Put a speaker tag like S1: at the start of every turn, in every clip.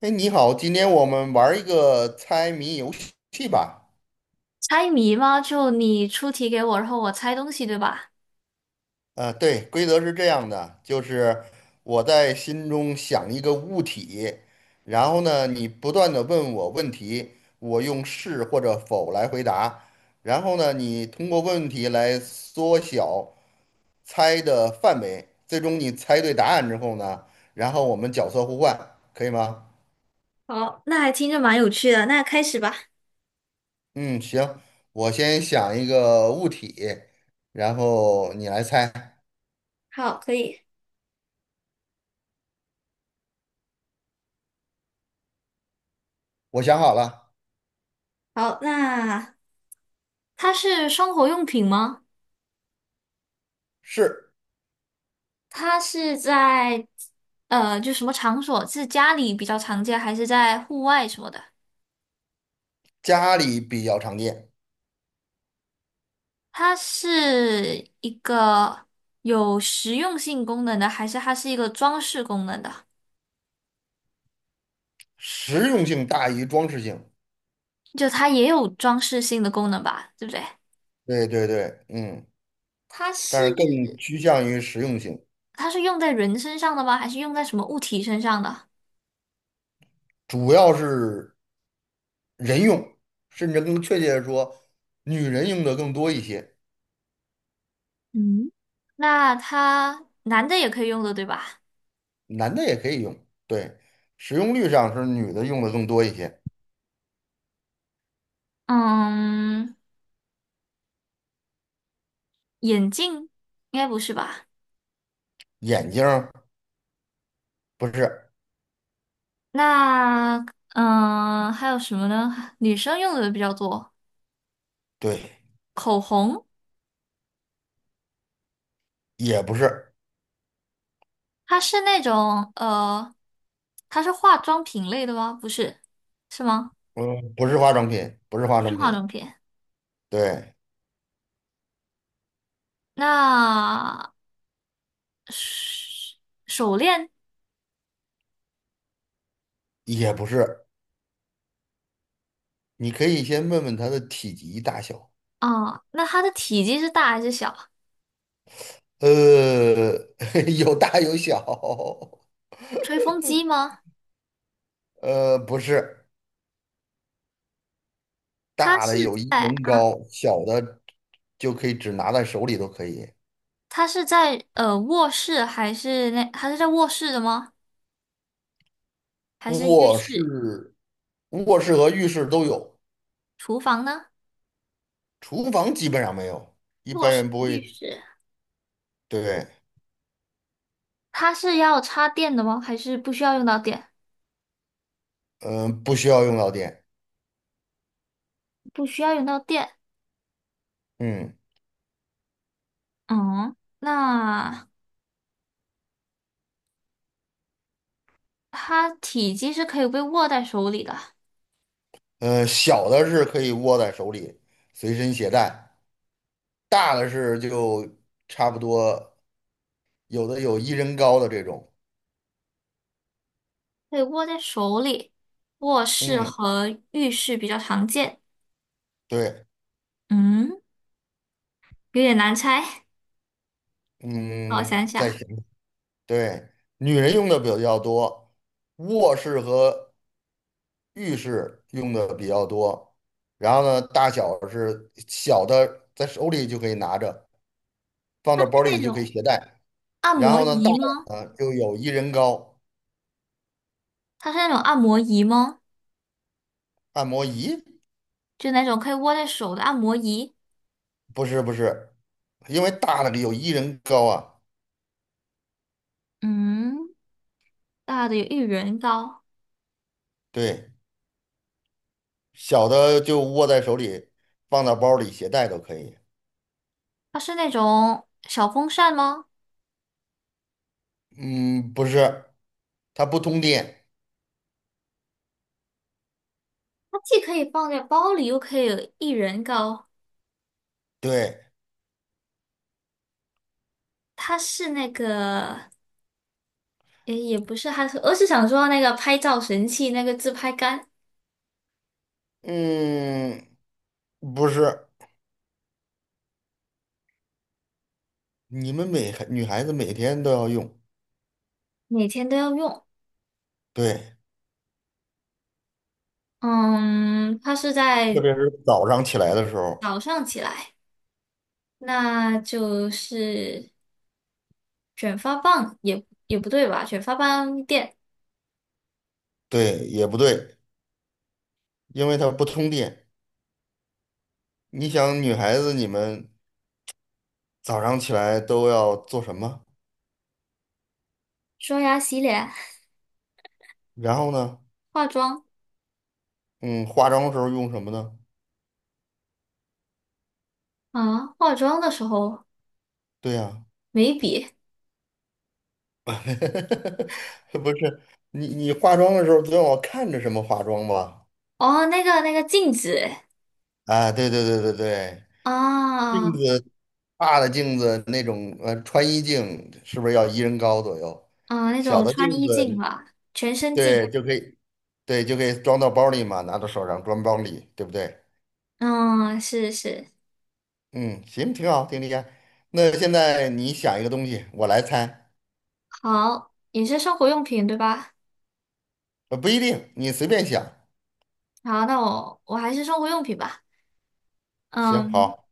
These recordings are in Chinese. S1: 哎，你好，今天我们玩儿一个猜谜游戏吧。
S2: 猜谜吗？就你出题给我，然后我猜东西，对吧？
S1: 对，规则是这样的，就是我在心中想一个物体，然后呢，你不断的问我问题，我用是或者否来回答，然后呢，你通过问题来缩小猜的范围，最终你猜对答案之后呢，然后我们角色互换，可以吗？
S2: 好，那还听着蛮有趣的，那开始吧。
S1: 嗯，行，我先想一个物体，然后你来猜。
S2: 好，可以。
S1: 我想好了，
S2: 好，那它是生活用品吗？
S1: 是
S2: 它是在就什么场所？是家里比较常见，还是在户外什么的？
S1: 家里比较常见，
S2: 它是一个有实用性功能的，还是它是一个装饰功能的？
S1: 实用性大于装饰性。
S2: 就它也有装饰性的功能吧，对不对？
S1: 对对对，嗯，
S2: 它
S1: 但
S2: 是
S1: 是更趋向于实用性，
S2: 它是用在人身上的吗？还是用在什么物体身上的？
S1: 主要是人用，甚至更确切的说，女人用的更多一些，
S2: 嗯，那它男的也可以用的，对吧？
S1: 男的也可以用。对，使用率上是女的用的更多一些。
S2: 嗯，眼镜应该不是吧？
S1: 眼镜儿不是，
S2: 那嗯，还有什么呢？女生用的比较多，
S1: 对，
S2: 口红，
S1: 也不是，
S2: 它是那种它是化妆品类的吗？不是，是吗？
S1: 嗯，不是化妆品，不是化
S2: 不是
S1: 妆
S2: 化
S1: 品，
S2: 妆品。
S1: 对，
S2: 那手手链
S1: 也不是。你可以先问问它的体积大小。
S2: 啊，那它的体积是大还是小？
S1: 呃，有大有小，
S2: 吹风机吗？
S1: 不是，
S2: 它
S1: 大
S2: 是
S1: 的有一
S2: 在
S1: 人
S2: 啊，
S1: 高，小的就可以只拿在手里都可以。
S2: 他是在卧室还是那他是在卧室的吗？还是浴
S1: 卧
S2: 室、
S1: 室、卧室和浴室都有，
S2: 厨房呢？
S1: 厨房基本上没有，一
S2: 卧
S1: 般
S2: 室、
S1: 人不
S2: 浴
S1: 会，
S2: 室，
S1: 对，
S2: 它是要插电的吗？还是不需要用到电？
S1: 嗯、不需要用到电，
S2: 不需要用到电。
S1: 嗯，
S2: 嗯，那它体积是可以被握在手里的，
S1: 小的是可以握在手里，随身携带，大的是就差不多，有的有一人高的这种，
S2: 可以握在手里。卧室
S1: 嗯，
S2: 和浴室比较常见。
S1: 对，
S2: 嗯，有点难猜，让我
S1: 嗯，
S2: 想
S1: 再想。
S2: 想，
S1: 对，女人用的比较多，卧室和浴室用的比较多。然后呢，大小是小的，在手里就可以拿着，放
S2: 它
S1: 到
S2: 是
S1: 包里
S2: 那
S1: 就可以
S2: 种
S1: 携带。
S2: 按
S1: 然
S2: 摩
S1: 后呢，大
S2: 仪吗？
S1: 的呢就有一人高
S2: 它是那种按摩仪吗？
S1: 按摩仪，
S2: 就那种可以握在手的按摩仪，
S1: 不是不是，因为大的有一人高啊，
S2: 嗯，大的有一人高。
S1: 对，小的就握在手里，放到包里携带都可以。
S2: 它是那种小风扇吗？
S1: 嗯，不是，它不通电。
S2: 它既可以放在包里，又可以有一人高。
S1: 对，
S2: 它是那个，诶，也不是，还是我是想说那个拍照神器，那个自拍杆，
S1: 嗯，不是。你们每孩女孩子每天都要用，
S2: 每天都要用。
S1: 对，
S2: 嗯，它是
S1: 特
S2: 在
S1: 别是早上起来的时候，
S2: 早上起来，那就是卷发棒也不对吧？卷发棒店、
S1: 对，也不对，因为它不通电。你想，女孩子你们早上起来都要做什么？
S2: 刷牙、洗脸、
S1: 然后呢，
S2: 化妆
S1: 嗯，化妆的时候用什么呢？
S2: 啊，化妆的时候。
S1: 对呀、
S2: 眉笔，
S1: 不是你化妆的时候总要看着什么化妆吧？
S2: 哦，那个镜子，
S1: 啊，对对对对对，
S2: 啊、
S1: 镜
S2: 哦
S1: 子大的镜子那种，穿衣镜是不是要一人高左右？
S2: 啊、那
S1: 小
S2: 种
S1: 的
S2: 穿
S1: 镜
S2: 衣镜
S1: 子
S2: 吧，全身镜，
S1: 对，就可以，对，就可以装到包里嘛，拿到手上装包里，对不对？
S2: 嗯，是是，
S1: 嗯，行，挺好，挺厉害。那现在你想一个东西，我来猜，
S2: 好，也是生活用品对吧？
S1: 不一定，你随便想，
S2: 好，那我还是生活用品吧，
S1: 行，
S2: 嗯，
S1: 好，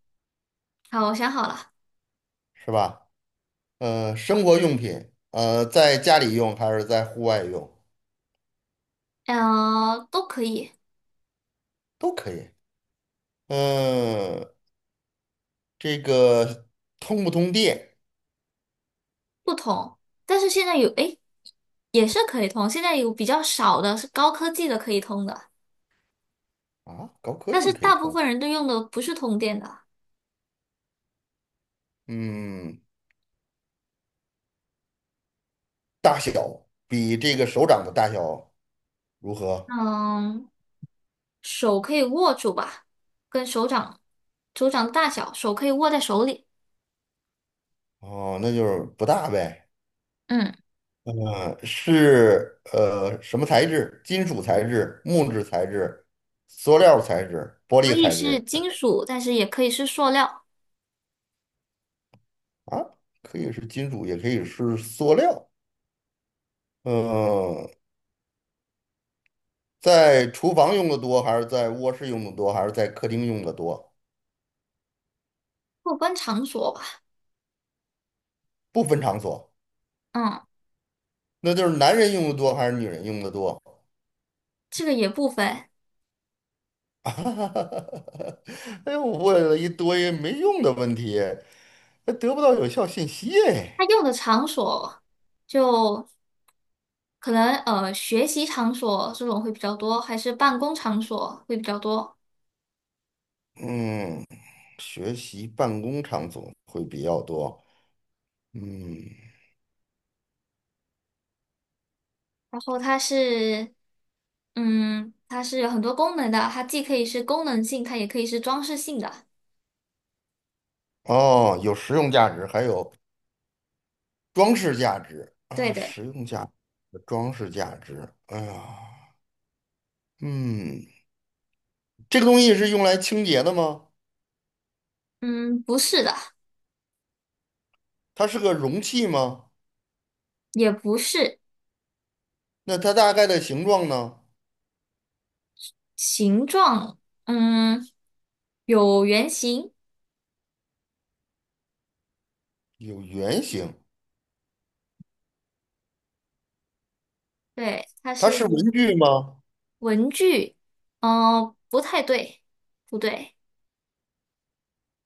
S2: 好，我想好了，
S1: 是吧？生活用品，在家里用还是在户外用
S2: 嗯、都可以，
S1: 都可以。嗯、这个通不通电
S2: 不同，但是现在有，诶，也是可以通，现在有比较少的是高科技的可以通的，
S1: 啊？高科
S2: 但是
S1: 技可以
S2: 大部
S1: 通。
S2: 分人都用的不是通电的，
S1: 嗯，大小比这个手掌的大小如何？
S2: 嗯。手可以握住吧，跟手掌大小，手可以握在手里。
S1: 哦，那就是不大呗。
S2: 嗯，
S1: 是什么材质？金属材质、木质材质、塑料材质、玻
S2: 可
S1: 璃
S2: 以
S1: 材
S2: 是
S1: 质
S2: 金属，但是也可以是塑料。
S1: 啊，可以是金属，也可以是塑料。嗯、在厨房用的多，还是在卧室用的多，还是在客厅用的多？
S2: 过关场所吧，
S1: 不分场所，
S2: 嗯，
S1: 那就是男人用的多还是女人用的多？
S2: 这个也不分。
S1: 哎呦，我问了一堆没用的问题，还得不到有效信息
S2: 它
S1: 哎。
S2: 用的场所就可能学习场所这种会比较多，还是办公场所会比较多。
S1: 嗯。学习办公场所会比较多。嗯，
S2: 然后它是，嗯，它是有很多功能的，它既可以是功能性，它也可以是装饰性的。
S1: 哦，有实用价值，还有装饰价值
S2: 对
S1: 啊，
S2: 对，
S1: 实用价值、装饰价值。哎呀，嗯，这个东西是用来清洁的吗？
S2: 嗯，不是的。
S1: 它是个容器吗？
S2: 也不是
S1: 那它大概的形状呢？
S2: 形状，嗯，有圆形，
S1: 有圆形。
S2: 对，它
S1: 它
S2: 是
S1: 是文具吗？
S2: 文具，哦，不太对，不对，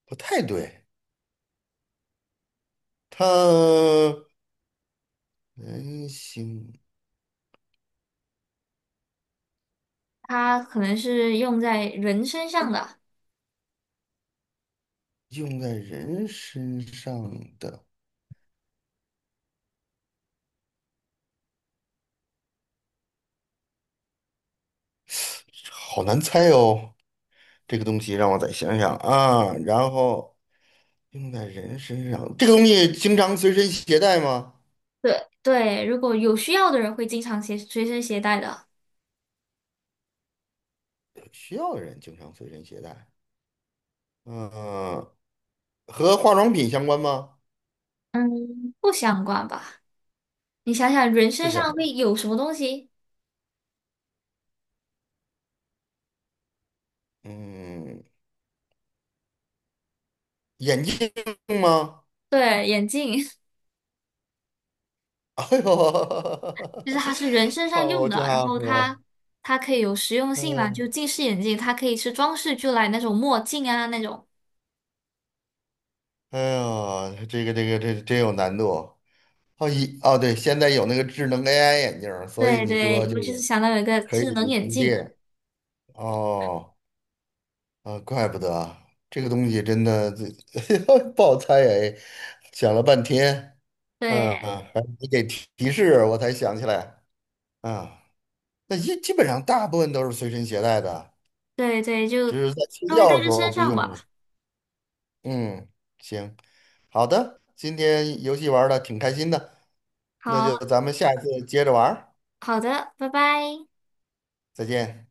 S1: 不太对，它圆形
S2: 它可能是用在人身上的，
S1: 用在人身上的，好难猜哦。这个东西让我再想想啊，然后用在人身上，这个东西经常随身携带吗？
S2: 对对，如果有需要的人会经常携随身携带的，
S1: 需要的人经常随身携带。嗯、和化妆品相关吗？
S2: 嗯，不相关吧？你想想，人
S1: 不
S2: 身
S1: 相
S2: 上
S1: 关。
S2: 会有什么东西？
S1: 嗯，眼镜吗？
S2: 对，眼镜。
S1: 哎呦，
S2: 就是它是人 身上用
S1: 好
S2: 的，然
S1: 家
S2: 后
S1: 伙！
S2: 它可以有实用性嘛，
S1: 嗯，
S2: 就近视眼镜，它可以是装饰就来那种墨镜啊那种。
S1: 哎呦，这个这真有难度。哦，对，现在有那个智能 AI 眼镜儿所以
S2: 对
S1: 你说
S2: 对，
S1: 这
S2: 我就是
S1: 个
S2: 想到有一个
S1: 可以
S2: 智能眼
S1: 充
S2: 镜，
S1: 电哦。啊，怪不得啊这个东西真的这 不好猜 哎，想了半天，嗯，
S2: 对
S1: 还是你给提提示我才想起来啊。那基本上大部分都是随身携带的，
S2: 对对，就
S1: 只是在睡
S2: 都会带
S1: 觉的时
S2: 在身
S1: 候不
S2: 上
S1: 用
S2: 吧。
S1: 了。嗯，行，好的，今天游戏玩的挺开心的，那就
S2: 好，
S1: 咱们下次接着玩儿
S2: 好的，拜拜。
S1: 再见。